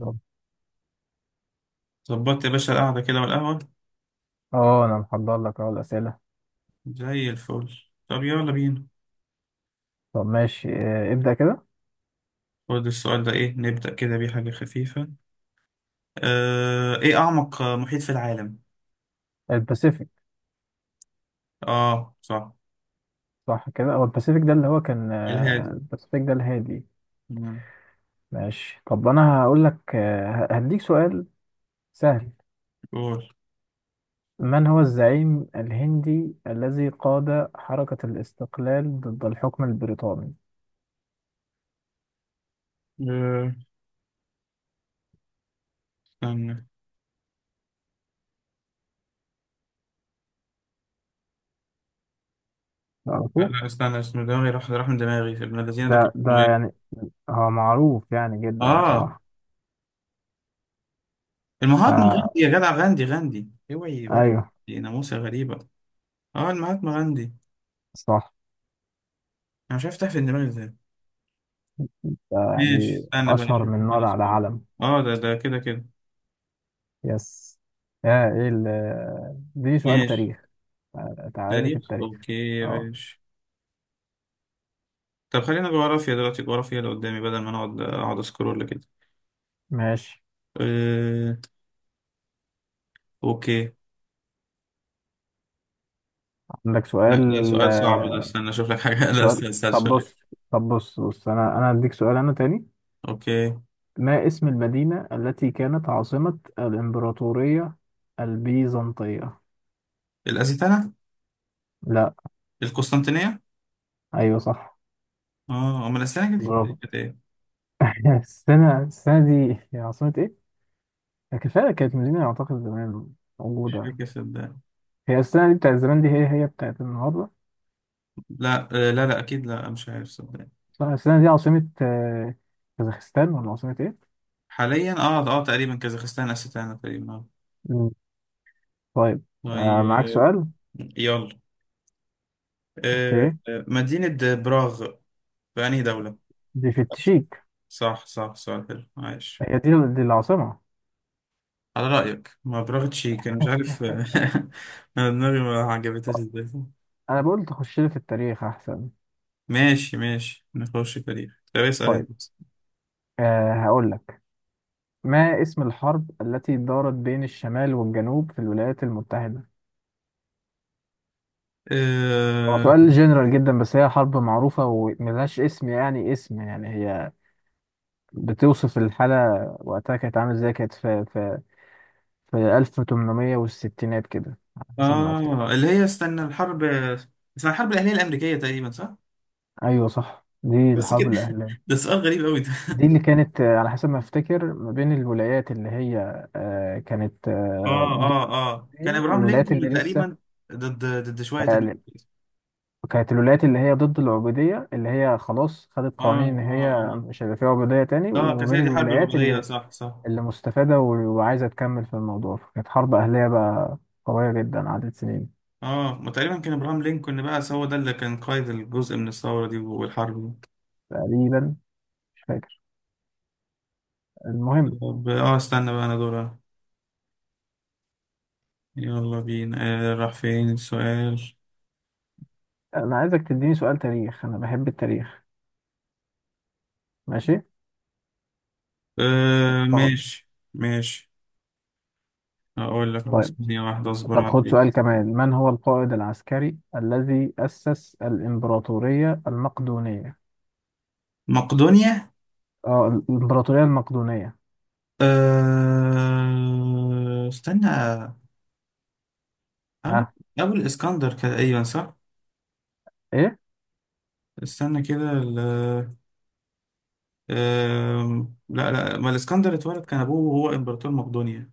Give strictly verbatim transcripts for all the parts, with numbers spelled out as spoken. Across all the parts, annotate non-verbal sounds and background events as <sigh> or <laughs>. طب، ظبطت يا باشا القعدة كده والقهوة اه انا محضر لك اهو الاسئله. زي الفل. طب يلا بينا. طب ماشي، آه، ابدا كده. خد السؤال ده، ايه نبدأ كده بيه حاجة خفيفة. آه، ايه أعمق آه، محيط في العالم؟ الباسيفيك. اه صح. صح كده، هو الباسيفيك ده اللي هو كان، آه، الهادي. الباسيفيك ده الهادي. مم. ماشي. طب انا هقول لك، آه، ه- هديك سؤال سهل. قول. من هو الزعيم الهندي الذي قاد حركه الاستقلال ضد الحكم البريطاني؟ آه، استنى. لا تعرفوه؟ لا استنى، اسمه دماغي راح راح من دماغي، ابن الذين ده كان ده ده اسمه ايه؟ يعني، هو معروف يعني جدا اه بصراحه. المهاتما فا، غاندي يا جدع، غاندي غاندي اوعي بقى. ايوه دي ناموسة غريبة. اه المهاتما غاندي. صح. انا مش عارف تحت دماغي ازاي. ده ماشي يعني استنى بقى اشهر اشوف من مكان نار على السؤال. علم. اه ده ده كده كده. يس. اه ايه ال... دي سؤال ماشي تاريخ. تعال- تعالى لي في تاريخ التاريخ. اوكي يا اه باشا. طب خلينا جغرافيا دلوقتي، جغرافيا اللي قدامي بدل ما نقعد اقعد اسكرول كده. ماشي. أه... اوكي. عندك لا سؤال؟ ده سؤال صعب ده، آه، استنى اشوف لك حاجه <laughs> لا سؤال. استنى، استنى طب شوية. بص. طب بص بص انا انا هديك سؤال انا تاني. اوكي. ما اسم المدينة التي كانت عاصمة الإمبراطورية البيزنطية؟ الأزيتنة. لا. القسطنطينية. ايوه صح. اه امال الاسلام كانت إيه؟ برافو. كانت ايه؟ <laughs> السنة السنة دي هي عاصمة ايه؟ كفاية، كانت مدينة اعتقد زمان مش موجودة. فاكر صدقني. هي السنة دي بتاعت زمان، دي هي هي بتاعت النهاردة. لا. آه، لا لا اكيد، لا مش عارف صدقني. صح. السنة دي عاصمة آه، كازاخستان، ولا عاصمة إيه؟ حاليا اه اه تقريبا كازاخستان، أستانا تقريبا اه. مم. طيب. آه معاك طيب. سؤال؟ يلا. أه... أوكي. آه، مدينة براغ في انهي دولة؟ دي في التشيك. صح صح، سؤال حلو عايش. هي دي, دي العاصمة. على رأيك ما برافيتش كان مش عارف <laughs> انا دماغي ما عجبتهاش ازاي. أنا بقول تخش لي في التاريخ أحسن. ماشي ماشي، نخش تاريخ، طب اسأل طيب. انت. آه هقول لك. ما اسم الحرب التي دارت بين الشمال والجنوب في الولايات المتحدة؟ هو آه... سؤال جنرال جدا، بس هي حرب معروفة وملهاش اسم يعني، اسم يعني هي بتوصف الحالة وقتها كانت عاملة ازاي. كانت في في في ألف وتمنمية وستين كده، على حسب ما أفتكر. اه اللي هي استنى، الحرب اسمها الحرب الأهلية الأمريكية تقريبا صح؟ ايوه صح، دي بس الحرب كده. الاهليه. <laughs> ده سؤال غريب قوي ده <laughs> دي اللي كانت، آه، على حسب ما افتكر، ما بين الولايات اللي هي، آه، كانت آه، اه ضد اه اه، كان العبودية، ابراهام والولايات اللي لينكولن لسه، تقريبا. ضد ضد شوية تانيين. آه، كانت الولايات اللي هي ضد العبوديه، اللي هي خلاص خدت اه قوانين ان اه هي اه مش هيبقى فيها عبوديه تاني، اه، وما كانت هي بين دي حرب الولايات العبودية، اللي صح صح. اللي مستفاده و- وعايزه تكمل في الموضوع، فكانت حرب اهليه بقى قويه جدا عدت سنين. اه، ما تقريبا كان ابراهام لينكولن بقى هو ده اللي كان قائد الجزء من الثورة دي والحرب دي. تقريبا. مش فاكر. المهم، طب اه استنى بقى انا دورها. يلا بينا. آه راح فين السؤال. انا عايزك تديني سؤال تاريخ، انا بحب التاريخ. ماشي. آه طب. ماشي ماشي، هقول لك خلاص، طيب. ثانية واحدة اصبر طب خد عليك. سؤال كمان. من هو القائد العسكري الذي أسس الإمبراطورية المقدونية؟ مقدونيا. اه الإمبراطورية المقدونية. آه استنى، أبو، ها؟ أبو الإسكندر كده، أيوة صح. إيه؟ استنى كده ال، آه لا لا، ما الإسكندر اتولد كان أبوه وهو إمبراطور مقدونيا.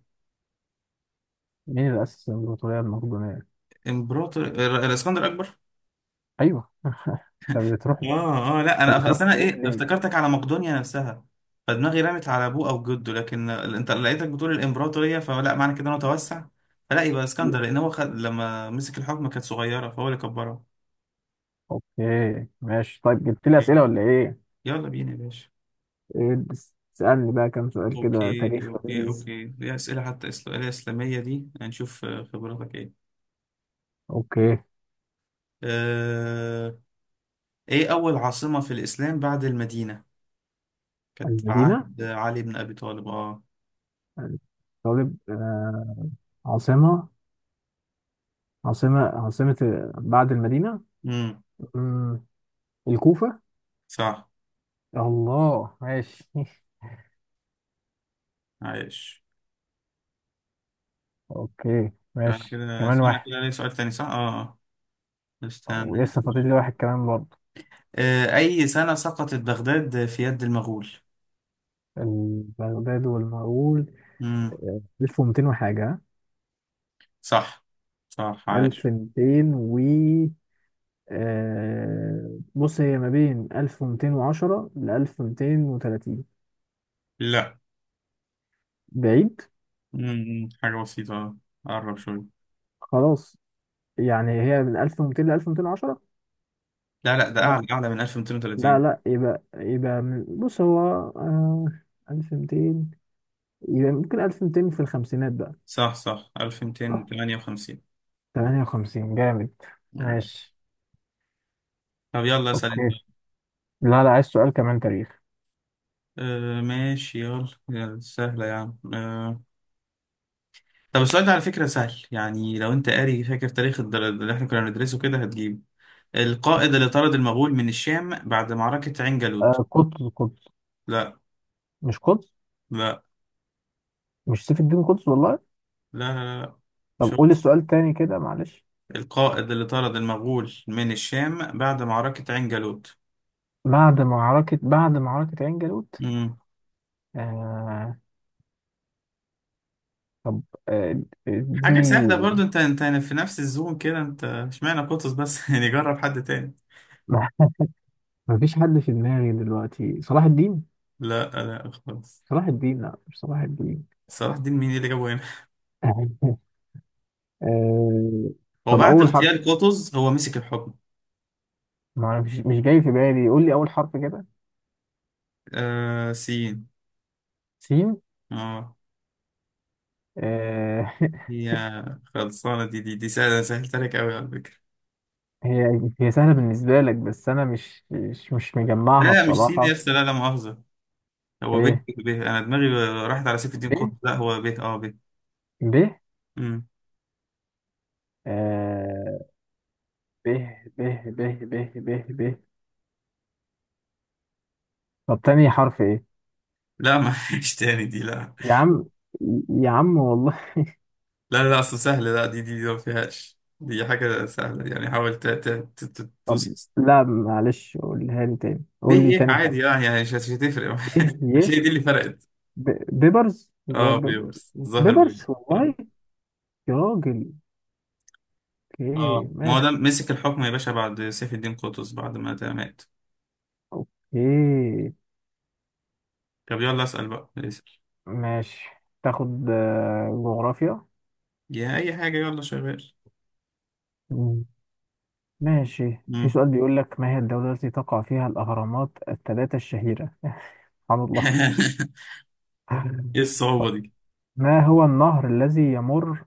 مين اللي أسس الإمبراطورية المقدونية؟ إمبراطور آه، الإسكندر أكبر. أيوه. <laughs> أنت بتروح اه اه لا أنت انا بتروح اصل انا بعيد ايه، ليه؟ افتكرتك على مقدونيا نفسها، فدماغي رمت على ابوه او جده، لكن انت لقيتك بتقول الامبراطوريه، فلا معنى كده انه توسع، فلا يبقى اسكندر لان هو خد لما مسك الحكم كانت صغيره فهو اللي كبرها. أوكي ماشي. طيب، جبت لي أوكي. أسئلة ولا إيه؟ يلا بينا يا باشا. إيه، بس اسألني بقى كام سؤال كده اوكي تاريخ اوكي لذيذ. اوكي، دي اسئله حتى، اسئله اسلاميه دي، هنشوف آه، خبراتك ايه. أوكي. آه... ايه اول عاصمه في الاسلام بعد المدينه؟ كانت في المدينة. عهد علي بن ابي طالب اه. طالب. آه عاصمة، عاصمة، عاصمة، بعد المدينة، امم مم، الكوفة. صح الله ماشي. <laughs> عايش. اوكي تعالى ماشي، كده كمان اسمع واحد. كده، ليه سؤال تاني صح؟ اه آه. استنى. ولسه فاضل لي واحد كمان برضه. آه، أي سنة سقطت بغداد في يد المغول؟ البغداد والمغول. مم. آه، ألف ومتين وحاجة، ها؟ صح صح عاش. ألف ومتين و... آه، بص هي ما بين ألف ومتين وعشرة ل ألف ومتين وتلاتين. لا. بعيد. مم. حاجة بسيطة آه. قرب شوية. خلاص، يعني هي من ألف ومتين ل ألف ومتين وعشرة. لا لا ده لا أعلى، أعلى من لا ألف ومئتين وثلاثين. لا. يبقى يبقى من- بص هو، آه، ألف ومتين. يبقى ممكن ألف ومتين في الخمسينات، صح صح بقى ألف ومئتين وتمانية وخمسين. تمانية وخمسين. جامد. ماشي. ماشي. طب يلا اسأل أنت. اوكي. لا لا، عايز سؤال كمان تاريخ. آه ماشي، يلا يلا، سهلة يا عم آه. طب السؤال ده على فكرة سهل، يعني لو انت قاري فاكر تاريخ الدر- اللي احنا كنا بندرسه كده هتجيبه. القائد اللي طرد المغول من الشام بعد معركة عين جالوت. آه قطز. قطز. لا مش قطز؟ لا مش سيف الدين قطز والله. لا لا لا، طب مش هو. قول السؤال تاني كده، معلش. القائد اللي طرد المغول من الشام بعد معركة عين جالوت. بعد معركة بعد معركة عين جالوت. مم. آه. طب. آه، حاجة سهلة اديني. برضو، انت انت يعني في نفس الزون كده، انت اشمعنى قطز بس <laughs> يعني جرب حد تاني. <laughs> ما مفيش حد في دماغي دلوقتي. صلاح الدين. لا لا خالص. صلاح الدين؟ لا مش صلاح الدين. صلاح الدين مين اللي جابه هنا؟ <laughs> آه هو طب، بعد أول حرف. اغتيال قطز هو مسك الحكم. ما أنا مش مش جاي في بالي، قول لي أول حرف كده. آه سين. سين. اه. آه <laughs> هي خلصانة دي دي دي سهلة، أنا سهلت عليك أوي على فكرة. هي. هي سهلة بالنسبة لك، بس أنا مش مش مش لا مجمعها لا مش سين يا بصراحة. أسطى، لا لا مؤاخذة. هو به إيه. به، أنا دماغي راحت على سيف الدين ب. قطب، لا هو به أه به. ب. أمم. آه ب. ب. ب. ب. ب. ب. طب، تاني حرف إيه؟ لا معلش تاني دي لا. يا عم، يا عم والله. لا لا أصل سهلة، لا دي دي, دي ما فيهاش، دي حاجة سهلة يعني، حاول ت- ت- ت- ت- طب. توصل. لا معلش، قولها لي تاني، به قول لي يه تاني عادي حرف. أه، يعني مش مش هتفرق. إيه. <laughs> مش ي. هي دي اللي فرقت. ب. بيبرز الظاهر. أه بيبرز. بيبرس الظاهر بيبرس. بيبرز أه والله. يا راجل. أوكي أه، ما هو ده ماشي. مسك الحكم يا باشا بعد سيف الدين قطز، بعد ما ده مات. أوكي طب يلا اسأل بقى. ماشي، تاخد آه، جغرافيا. يا اي حاجه، يلا شغال. ماشي، في مم. سؤال بيقول لك، ما هي الدولة التي تقع فيها الأهرامات الثلاثة الشهيرة؟ <laughs> سبحان الله. <laughs> ايه الصعوبه دي؟ ما هو النهر الذي يمر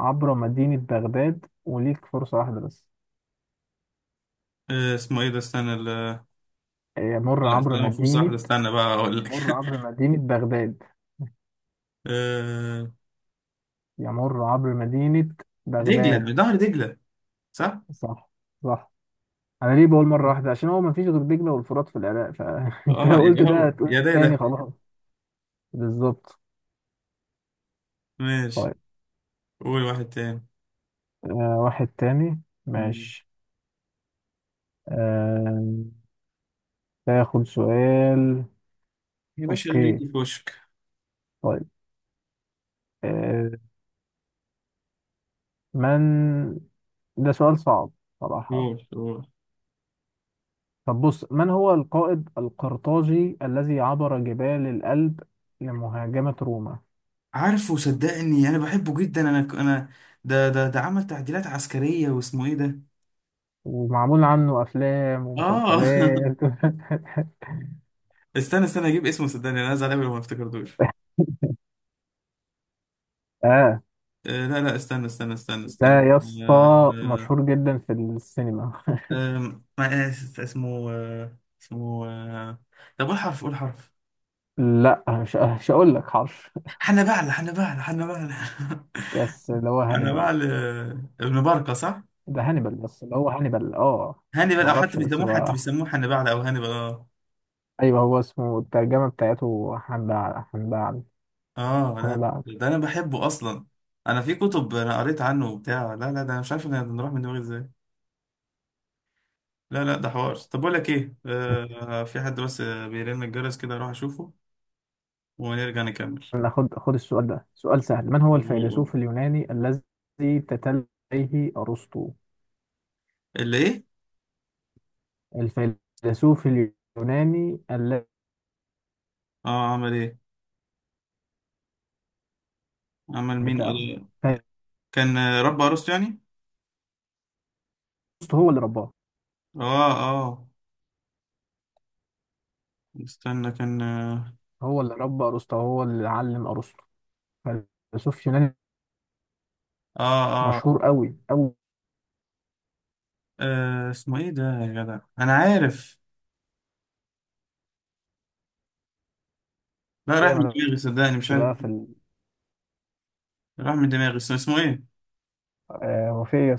عبر مدينة بغداد؟ وليك فرصة واحدة بس. آه اسمه ايه ده، استنى ال-، يمر لا عبر استنى المفروض صح مدينة. ده، استنى بقى اقول لك. <laughs> يمر عبر مدينة بغداد. آه، يمر عبر مدينة بغداد. دجله، ظهر دجله. صح. صح. صح. أنا ليه بقول مرة واحدة؟ عشان هو مفيش غير دجلة والفرات في العراق، فأنت <laughs> اه لو يبقى قلت ده هو هتقول يا ده يا تاني ده. خلاص. بالظبط. ماشي. طيب. قول واحد تاني. آه واحد تاني. مم. ماشي. آه تاخد سؤال. يا باشا اللي اوكي. يجي في وشك. طيب. آه، من. ده سؤال صعب صراحة. قول قول. طب بص، من هو القائد القرطاجي الذي عبر جبال الألب لمهاجمة روما، عارفه صدقني، انا بحبه جدا، انا انا ده ده ده عمل تعديلات عسكريه، واسمه ايه ده. ومعمول عنه أفلام اه ومسلسلات؟ <laughs> <laughs> استنى استنى اجيب اسمه، صدقني انا زعلان لما افتكرتوش. اه آه، لا لا استنى استنى استنى ده استنى. يا اسطى آه، مشهور جدا في السينما. آه، آه، اسمه آه، اسمه آه، طب قول حرف، قول حرف. <laughs> لا مش مش هقول لك حرش. حنبعل حنبعل حنبعل يس، اللي هو <laughs> هانيبال. حنبعل آه، ابن بركة صح؟ ده هانيبال، بس اللي هو هانيبال. اه هانيبال، او حتى معرفش، بس بيسموه، حتى هو. بيسموه حنبعل او هانيبال اه. ايوه، هو اسمه الترجمة بتاعته حنبع. حنبع. اه لا حنبع. لا، ده انا بحبه اصلا. انا في كتب، انا قريت عنه وبتاع، لا لا ده انا مش عارف ان نروح من دماغي ازاي. لا لا ده حوار. طب بقول لك ايه، آه في حد بس آه، بيرن الجرس كده اروح اشوفه ونرجع نكمل. ناخد خد السؤال ده. سؤال سهل. من هو قول قول. الفيلسوف اليوناني الذي تتلى عليه أرسطو؟ اللي ايه؟ الفيلسوف اليوناني الذي اه عمل ايه؟ عمل مين بتاعه قال؟ كان آه، رب عروسته يعني. أرسطو، هو اللي رباه، اه اه استنى كان اه. هو اللي ربى أرسطو، هو اللي علم أرسطو. فيلسوف يوناني اه مشهور اه, قوي قوي. آه اسمه ايه ده يا جدع، انا عارف. لا راح كده من دماغي صدقني، مش مالكش عارف. بقى في ال-، راح من دماغي اسمه، اسمه ايه؟ آه، وفي